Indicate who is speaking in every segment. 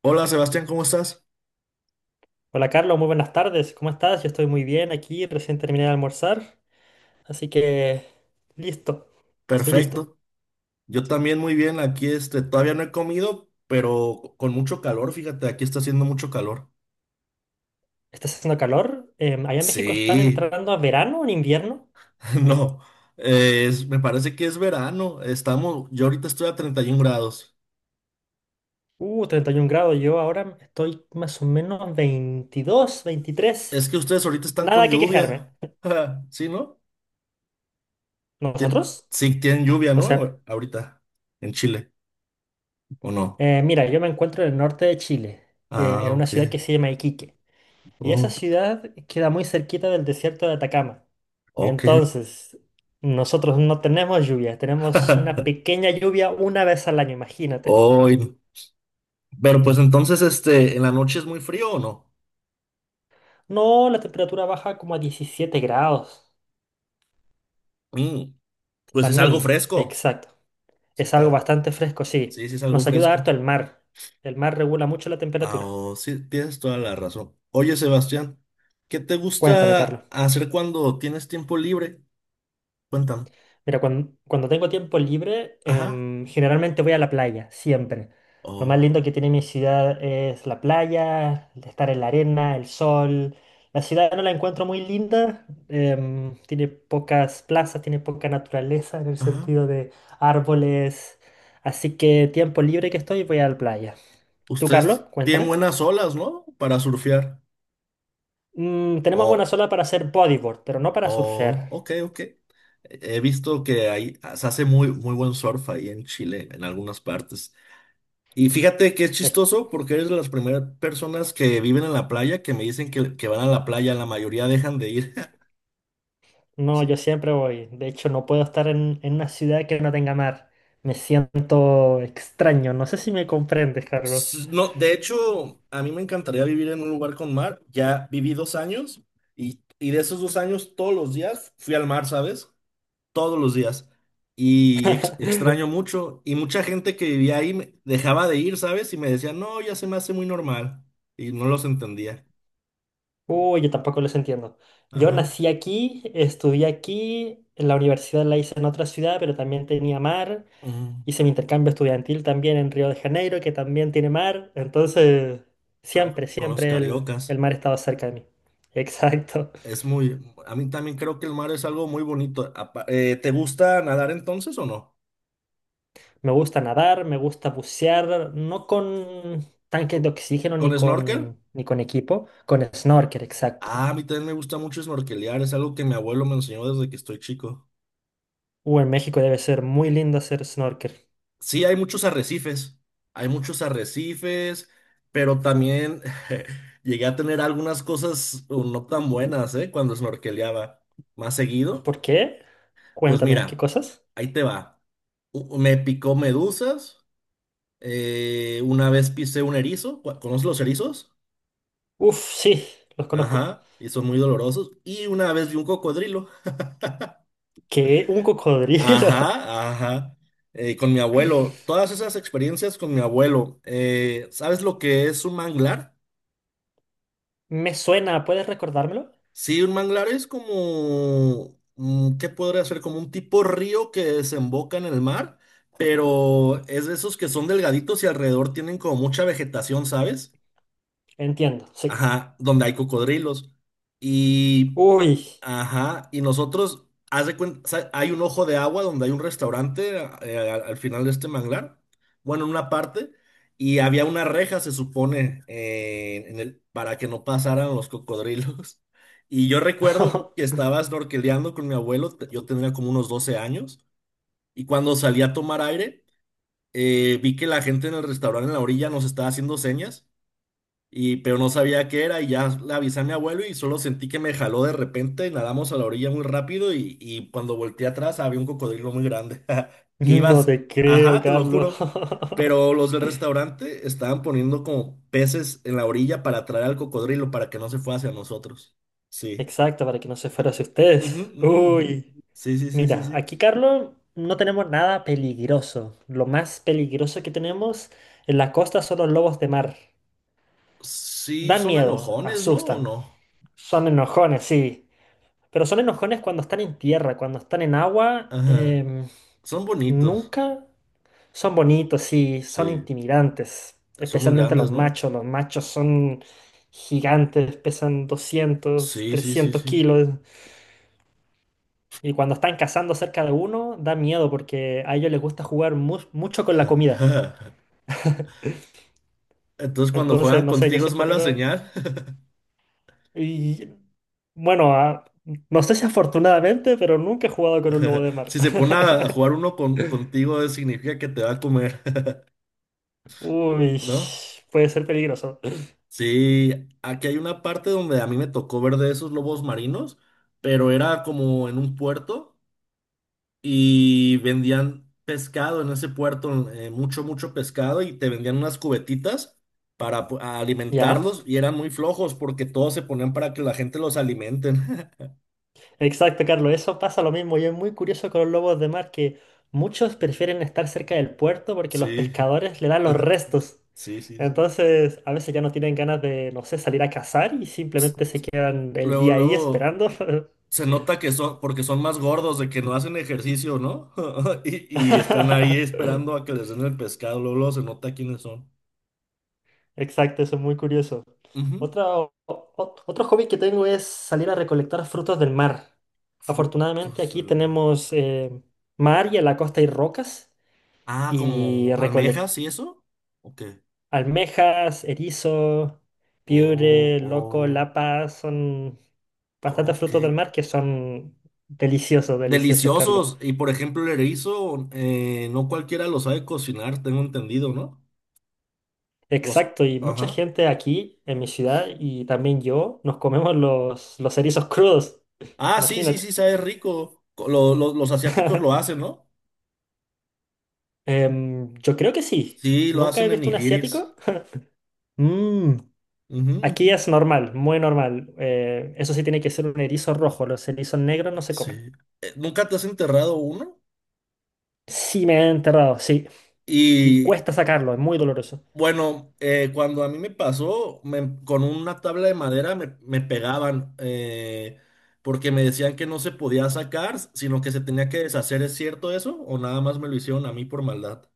Speaker 1: Hola Sebastián, ¿cómo estás?
Speaker 2: Hola Carlos, muy buenas tardes. ¿Cómo estás? Yo estoy muy bien aquí, recién terminé de almorzar, así que listo, estoy listo.
Speaker 1: Perfecto. Yo también muy bien. Aquí todavía no he comido, pero con mucho calor. Fíjate, aquí está haciendo mucho calor.
Speaker 2: Está haciendo calor. Allá en México están
Speaker 1: Sí,
Speaker 2: entrando a verano o en invierno.
Speaker 1: no. Me parece que es verano. Yo ahorita estoy a 31 grados.
Speaker 2: 31 grados. Yo ahora estoy más o menos 22, 23.
Speaker 1: Es que ustedes ahorita están con
Speaker 2: Nada que quejarme.
Speaker 1: lluvia. ¿Sí, no?
Speaker 2: ¿Nosotros?
Speaker 1: Sí, tienen lluvia,
Speaker 2: O
Speaker 1: ¿no?
Speaker 2: sea,
Speaker 1: Ahorita, en Chile, ¿o no?
Speaker 2: mira, yo me encuentro en el norte de Chile,
Speaker 1: Ah,
Speaker 2: en una
Speaker 1: ok.
Speaker 2: ciudad que se llama Iquique. Y esa
Speaker 1: Oh,
Speaker 2: ciudad queda muy cerquita del desierto de Atacama.
Speaker 1: ok.
Speaker 2: Entonces, nosotros no tenemos lluvia, tenemos una pequeña lluvia una vez al año, imagínate.
Speaker 1: Hoy. Pero pues entonces, ¿en la noche es muy frío o no?
Speaker 2: No, la temperatura baja como a 17 grados,
Speaker 1: Mm, pues
Speaker 2: la
Speaker 1: es algo
Speaker 2: mínima,
Speaker 1: fresco.
Speaker 2: exacto.
Speaker 1: Se
Speaker 2: Es algo
Speaker 1: está,
Speaker 2: bastante fresco, sí.
Speaker 1: sí, sí es algo
Speaker 2: Nos ayuda
Speaker 1: fresco.
Speaker 2: harto el mar. El mar regula mucho la
Speaker 1: Ah,
Speaker 2: temperatura.
Speaker 1: oh, sí, tienes toda la razón. Oye, Sebastián, ¿qué te
Speaker 2: Cuéntame, Carlos.
Speaker 1: gusta hacer cuando tienes tiempo libre? Cuéntame.
Speaker 2: Mira, cuando tengo tiempo libre,
Speaker 1: Ajá.
Speaker 2: generalmente voy a la playa, siempre. Lo más
Speaker 1: Oh,
Speaker 2: lindo que tiene mi ciudad es la playa, el estar en la arena, el sol. La ciudad no la encuentro muy linda, tiene pocas plazas, tiene poca naturaleza en el
Speaker 1: ajá.
Speaker 2: sentido de árboles. Así que tiempo libre que estoy, voy a la playa. ¿Tú, Carlos?
Speaker 1: Ustedes tienen
Speaker 2: Cuéntame.
Speaker 1: buenas olas, ¿no? Para surfear.
Speaker 2: Mm, tenemos buena
Speaker 1: Oh,
Speaker 2: sola para hacer bodyboard, pero no para surfear.
Speaker 1: oh, ok, ok. He visto que ahí se hace muy, muy buen surf ahí en Chile, en algunas partes. Y fíjate que es chistoso porque eres de las primeras personas que viven en la playa que me dicen que van a la playa, la mayoría dejan de ir.
Speaker 2: No,
Speaker 1: Sí.
Speaker 2: yo siempre voy. De hecho, no puedo estar en una ciudad que no tenga mar. Me siento extraño. No sé si me comprendes, Carlos.
Speaker 1: No, de hecho, a mí me encantaría vivir en un lugar con mar. Ya viví 2 años y de esos 2 años todos los días fui al mar, ¿sabes? Todos los días. Y extraño mucho. Y mucha gente que vivía ahí dejaba de ir, ¿sabes? Y me decía, no, ya se me hace muy normal. Y no los entendía.
Speaker 2: Uy, yo tampoco los entiendo. Yo
Speaker 1: Ajá.
Speaker 2: nací aquí, estudié aquí, en la universidad la hice en otra ciudad, pero también tenía mar.
Speaker 1: Mm.
Speaker 2: Hice mi intercambio estudiantil también en Río de Janeiro, que también tiene mar. Entonces,
Speaker 1: Ah,
Speaker 2: siempre,
Speaker 1: con los
Speaker 2: siempre el
Speaker 1: cariocas.
Speaker 2: mar estaba cerca de mí. Exacto.
Speaker 1: Es muy, a mí también creo que el mar es algo muy bonito. ¿Te gusta nadar entonces o no?
Speaker 2: Me gusta nadar, me gusta bucear, no con tanques de
Speaker 1: Co-
Speaker 2: oxígeno
Speaker 1: ¿Con
Speaker 2: ni
Speaker 1: snorkel?
Speaker 2: con, ni con equipo, con snorkel, exacto.
Speaker 1: Ah, a mí también me gusta mucho snorkelear, es algo que mi abuelo me enseñó desde que estoy chico.
Speaker 2: En México debe ser muy lindo hacer snorkel.
Speaker 1: Sí, hay muchos arrecifes, pero también llegué a tener algunas cosas o no tan buenas, ¿eh? Cuando snorkeleaba más seguido.
Speaker 2: ¿Por qué?
Speaker 1: Pues
Speaker 2: Cuéntame, ¿qué
Speaker 1: mira,
Speaker 2: cosas?
Speaker 1: ahí te va. Me picó medusas. Una vez pisé un erizo. ¿Conoces los erizos?
Speaker 2: Uf, sí, los conozco.
Speaker 1: Ajá. Y son muy dolorosos. Y una vez vi un cocodrilo.
Speaker 2: ¿Qué? ¿Un cocodrilo?
Speaker 1: Ajá, ajá. Con mi abuelo. Todas esas experiencias con mi abuelo. ¿Sabes lo que es un manglar?
Speaker 2: Me suena, ¿puedes recordármelo?
Speaker 1: Sí, un manglar es como ¿qué podría ser? Como un tipo río que desemboca en el mar. Pero es de esos que son delgaditos y alrededor tienen como mucha vegetación, ¿sabes?
Speaker 2: Entiendo, sí.
Speaker 1: Ajá, donde hay cocodrilos. Y,
Speaker 2: Uy,
Speaker 1: ajá, y nosotros, haz de cuenta, hay un ojo de agua donde hay un restaurante, al, final de este manglar, bueno, en una parte, y había una reja, se supone, para que no pasaran los cocodrilos. Y yo recuerdo que estaba snorkeleando con mi abuelo, yo tenía como unos 12 años, y cuando salí a tomar aire, vi que la gente en el restaurante en la orilla nos estaba haciendo señas y pero no sabía qué era y ya le avisé a mi abuelo y solo sentí que me jaló de repente, nadamos a la orilla muy rápido y cuando volteé atrás había un cocodrilo muy grande, que
Speaker 2: no
Speaker 1: ibas,
Speaker 2: te creo,
Speaker 1: ajá, te lo
Speaker 2: Carlos.
Speaker 1: juro, pero los del restaurante estaban poniendo como peces en la orilla para atraer al cocodrilo para que no se fuera hacia nosotros. Sí.
Speaker 2: Exacto, para que no se fuera hacia
Speaker 1: Ujú,
Speaker 2: ustedes.
Speaker 1: ujú, ujú.
Speaker 2: Uy.
Speaker 1: Sí, sí, sí, sí,
Speaker 2: Mira,
Speaker 1: sí.
Speaker 2: aquí, Carlos, no tenemos nada peligroso. Lo más peligroso que tenemos en la costa son los lobos de mar.
Speaker 1: Sí,
Speaker 2: Dan
Speaker 1: son
Speaker 2: miedo,
Speaker 1: enojones, ¿no? ¿O
Speaker 2: asustan.
Speaker 1: no?
Speaker 2: Son enojones, sí. Pero son enojones cuando están en tierra, cuando están en agua.
Speaker 1: Ajá. Son bonitos.
Speaker 2: Nunca son bonitos, sí, son
Speaker 1: Sí.
Speaker 2: intimidantes.
Speaker 1: Son muy
Speaker 2: Especialmente los
Speaker 1: grandes, ¿no?
Speaker 2: machos. Los machos son gigantes, pesan doscientos,
Speaker 1: Sí, sí, sí,
Speaker 2: trescientos
Speaker 1: sí.
Speaker 2: kilos. Y cuando están cazando cerca de uno, da miedo porque a ellos les gusta jugar mucho con la comida.
Speaker 1: Entonces, cuando
Speaker 2: Entonces,
Speaker 1: juegan
Speaker 2: no sé, yo
Speaker 1: contigo es
Speaker 2: siempre
Speaker 1: mala
Speaker 2: tengo...
Speaker 1: señal.
Speaker 2: Y bueno, no sé si afortunadamente, pero nunca he jugado con un lobo de mar.
Speaker 1: Si se pone a jugar uno contigo, significa que te va a comer,
Speaker 2: Uy,
Speaker 1: ¿no?
Speaker 2: puede ser peligroso.
Speaker 1: Sí, aquí hay una parte donde a mí me tocó ver de esos lobos marinos, pero era como en un puerto y vendían pescado en ese puerto, mucho, mucho pescado y te vendían unas cubetitas para a
Speaker 2: ¿Ya?
Speaker 1: alimentarlos y eran muy flojos porque todos se ponían para que la gente los alimenten.
Speaker 2: Exacto, Carlos. Eso pasa lo mismo. Y es muy curioso con los lobos de mar que muchos prefieren estar cerca del puerto porque los
Speaker 1: Sí,
Speaker 2: pescadores le dan los restos.
Speaker 1: sí, sí, sí.
Speaker 2: Entonces, a veces ya no tienen ganas de, no sé, salir a cazar y simplemente se quedan el
Speaker 1: Luego,
Speaker 2: día ahí
Speaker 1: luego
Speaker 2: esperando.
Speaker 1: se nota que son, porque son más gordos, de que no hacen ejercicio, ¿no? Y están ahí esperando a que les den el pescado. Luego, luego se nota quiénes son.
Speaker 2: Exacto, eso es muy curioso.
Speaker 1: Ujú.
Speaker 2: Otro hobby que tengo es salir a recolectar frutos del mar. Afortunadamente
Speaker 1: Frutos
Speaker 2: aquí
Speaker 1: del mar.
Speaker 2: tenemos mar y en la costa hay rocas
Speaker 1: Ah,
Speaker 2: y
Speaker 1: como
Speaker 2: recolectar.
Speaker 1: almejas y eso. Ok.
Speaker 2: Almejas, erizo,
Speaker 1: Oh,
Speaker 2: piure, loco,
Speaker 1: oh,
Speaker 2: lapa, son bastantes
Speaker 1: ok.
Speaker 2: frutos del mar que son deliciosos, deliciosos, Carlos.
Speaker 1: Deliciosos. Y por ejemplo, el erizo, no cualquiera lo sabe cocinar, tengo entendido, ¿no? Los,
Speaker 2: Exacto, y mucha
Speaker 1: ajá.
Speaker 2: gente aquí en mi ciudad y también yo nos comemos los erizos crudos.
Speaker 1: Ah, sí, sí,
Speaker 2: Imagínate.
Speaker 1: sí, sabe rico. Los asiáticos lo hacen, ¿no?
Speaker 2: Em, yo creo que sí.
Speaker 1: Sí, lo
Speaker 2: Nunca he
Speaker 1: hacen en
Speaker 2: visto un
Speaker 1: nigiris.
Speaker 2: asiático. Mm,
Speaker 1: Ujú,
Speaker 2: aquí
Speaker 1: ujú.
Speaker 2: es normal, muy normal. Eso sí tiene que ser un erizo rojo. Los erizos negros no se
Speaker 1: Sí.
Speaker 2: comen.
Speaker 1: ¿Nunca te has enterrado uno?
Speaker 2: Sí, me he enterrado, sí. Y
Speaker 1: Y
Speaker 2: cuesta sacarlo, es muy doloroso.
Speaker 1: bueno, cuando a mí me pasó, con una tabla de madera me pegaban, porque me decían que no se podía sacar, sino que se tenía que deshacer. ¿Es cierto eso? ¿O nada más me lo hicieron a mí por maldad?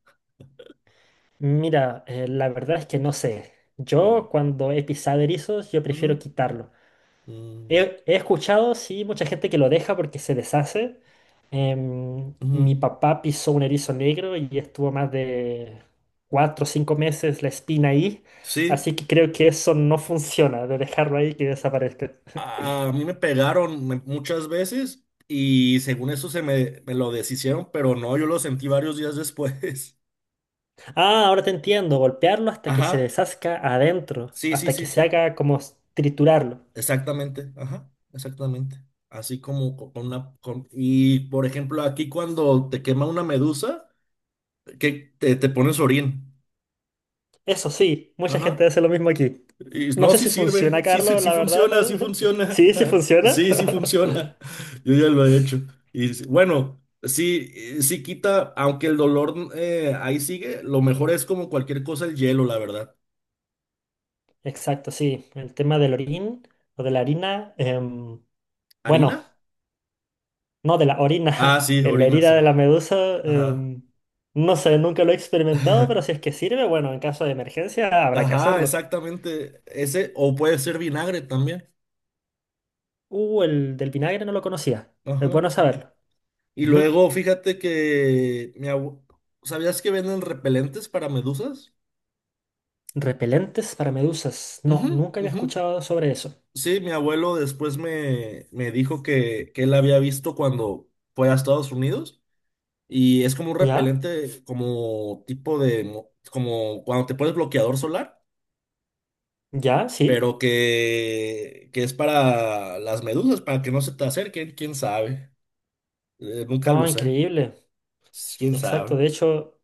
Speaker 2: Mira, la verdad es que no sé.
Speaker 1: Mm,
Speaker 2: Yo cuando he pisado erizos, yo prefiero
Speaker 1: ujú,
Speaker 2: quitarlo.
Speaker 1: mm,
Speaker 2: He escuchado, sí, mucha gente que lo deja porque se deshace. Em, mi
Speaker 1: ujú.
Speaker 2: papá pisó un erizo negro y estuvo más de 4 o 5 meses la espina ahí.
Speaker 1: Sí.
Speaker 2: Así que creo que eso no funciona, de dejarlo ahí que desaparezca.
Speaker 1: A mí me pegaron muchas veces y según eso se me lo deshicieron, pero no, yo lo sentí varios días después.
Speaker 2: Ah, ahora te entiendo, golpearlo hasta que se
Speaker 1: Ajá,
Speaker 2: deshazca adentro,
Speaker 1: sí, sí,
Speaker 2: hasta
Speaker 1: sí,
Speaker 2: que se
Speaker 1: sí,
Speaker 2: haga como triturarlo.
Speaker 1: exactamente, ajá, exactamente. Así como con una, y por ejemplo, aquí cuando te quema una medusa, que te pones orín.
Speaker 2: Eso sí, mucha gente
Speaker 1: Ajá.
Speaker 2: hace lo mismo aquí.
Speaker 1: Y
Speaker 2: No
Speaker 1: no,
Speaker 2: sé
Speaker 1: sí
Speaker 2: si
Speaker 1: sirve,
Speaker 2: funciona,
Speaker 1: sí, sí,
Speaker 2: Carlos, la verdad.
Speaker 1: sí funciona,
Speaker 2: Sí, sí funciona.
Speaker 1: sí, sí funciona, yo ya lo he hecho. Y bueno, sí, sí quita, aunque el dolor ahí sigue, lo mejor es como cualquier cosa el hielo, la verdad.
Speaker 2: Exacto, sí. El tema del orín o de la harina. Bueno,
Speaker 1: ¿Harina?
Speaker 2: no de la
Speaker 1: Ah,
Speaker 2: orina.
Speaker 1: sí,
Speaker 2: En la
Speaker 1: orina,
Speaker 2: herida de
Speaker 1: sí.
Speaker 2: la medusa.
Speaker 1: Ajá.
Speaker 2: No sé, nunca lo he experimentado, pero si es que sirve, bueno, en caso de emergencia habrá que
Speaker 1: Ajá,
Speaker 2: hacerlo.
Speaker 1: exactamente. Ese, o puede ser vinagre también.
Speaker 2: El del vinagre no lo conocía. Es
Speaker 1: Ajá.
Speaker 2: bueno saberlo.
Speaker 1: Y
Speaker 2: Ujú.
Speaker 1: luego, fíjate que ¿sabías que venden repelentes para medusas?
Speaker 2: Repelentes para medusas. No,
Speaker 1: Ujú,
Speaker 2: nunca había
Speaker 1: ujú.
Speaker 2: escuchado sobre eso.
Speaker 1: Sí, mi abuelo después me dijo que él había visto cuando fue a Estados Unidos y es como un
Speaker 2: ¿Ya?
Speaker 1: repelente, como tipo como cuando te pones bloqueador solar,
Speaker 2: ¿Ya? ¿Sí?
Speaker 1: pero que es para las medusas, para que no se te acerquen, quién sabe. Nunca lo
Speaker 2: Oh,
Speaker 1: usé,
Speaker 2: increíble.
Speaker 1: quién
Speaker 2: Exacto.
Speaker 1: sabe.
Speaker 2: De hecho,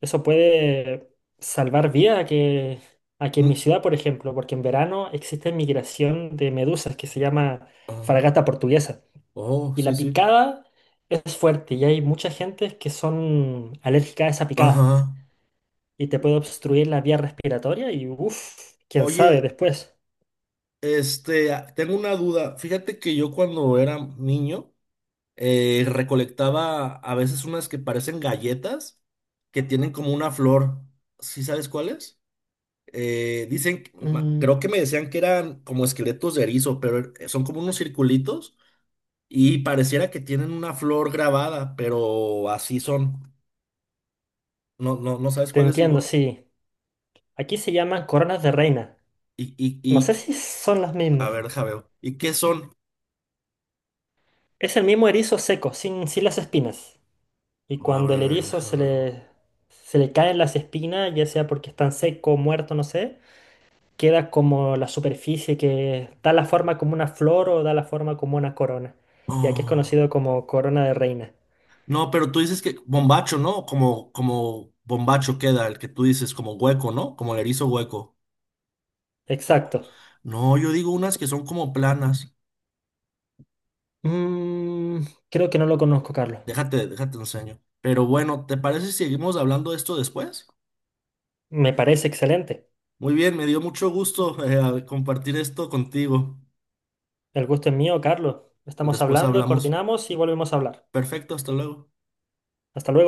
Speaker 2: eso puede salvar vida a que en mi
Speaker 1: Mm,
Speaker 2: ciudad, por ejemplo, porque en verano existe migración de medusas que se llama
Speaker 1: ah,
Speaker 2: fragata portuguesa.
Speaker 1: oh,
Speaker 2: Y
Speaker 1: sí,
Speaker 2: la
Speaker 1: sí.
Speaker 2: picada es fuerte y hay mucha gente que son alérgica a esa picada
Speaker 1: Ajá.
Speaker 2: y te puede obstruir la vía respiratoria y uff, quién sabe
Speaker 1: Oye,
Speaker 2: después.
Speaker 1: tengo una duda. Fíjate que yo cuando era niño, recolectaba a veces unas que parecen galletas, que tienen como una flor. ¿Sí sabes cuáles?
Speaker 2: Mm,
Speaker 1: Creo que me decían que eran como esqueletos de erizo, pero son como unos circulitos y pareciera que tienen una flor grabada, pero así son. ¿No, no, no sabes
Speaker 2: te
Speaker 1: cuáles
Speaker 2: entiendo,
Speaker 1: digo?
Speaker 2: sí. Aquí se llaman coronas de reina.
Speaker 1: Y, y,
Speaker 2: No sé
Speaker 1: y,
Speaker 2: si son las
Speaker 1: a
Speaker 2: mismas.
Speaker 1: ver, deja veo. ¿Y qué son?
Speaker 2: Es el mismo erizo seco, sin las espinas. Y
Speaker 1: A
Speaker 2: cuando el
Speaker 1: ver,
Speaker 2: erizo
Speaker 1: deja
Speaker 2: se
Speaker 1: veo.
Speaker 2: le, se le caen las espinas, ya sea porque están seco, muerto, no sé, queda como la superficie que da la forma como una flor o da la forma como una corona. Y aquí es conocido
Speaker 1: Oh.
Speaker 2: como corona de reina.
Speaker 1: No, pero tú dices que bombacho, ¿no? Como bombacho queda, el que tú dices, como hueco, ¿no? Como el erizo hueco. O-
Speaker 2: Exacto.
Speaker 1: No, yo digo unas que son como planas.
Speaker 2: Mm, creo que no lo conozco, Carlos.
Speaker 1: Déjate enseño. Pero bueno, ¿te parece si seguimos hablando de esto después?
Speaker 2: Me parece excelente.
Speaker 1: Muy bien, me dio mucho gusto, compartir esto contigo.
Speaker 2: El gusto es mío, Carlos. Estamos
Speaker 1: Después
Speaker 2: hablando,
Speaker 1: hablamos.
Speaker 2: coordinamos y volvemos a hablar.
Speaker 1: Perfecto, hasta luego.
Speaker 2: Hasta luego.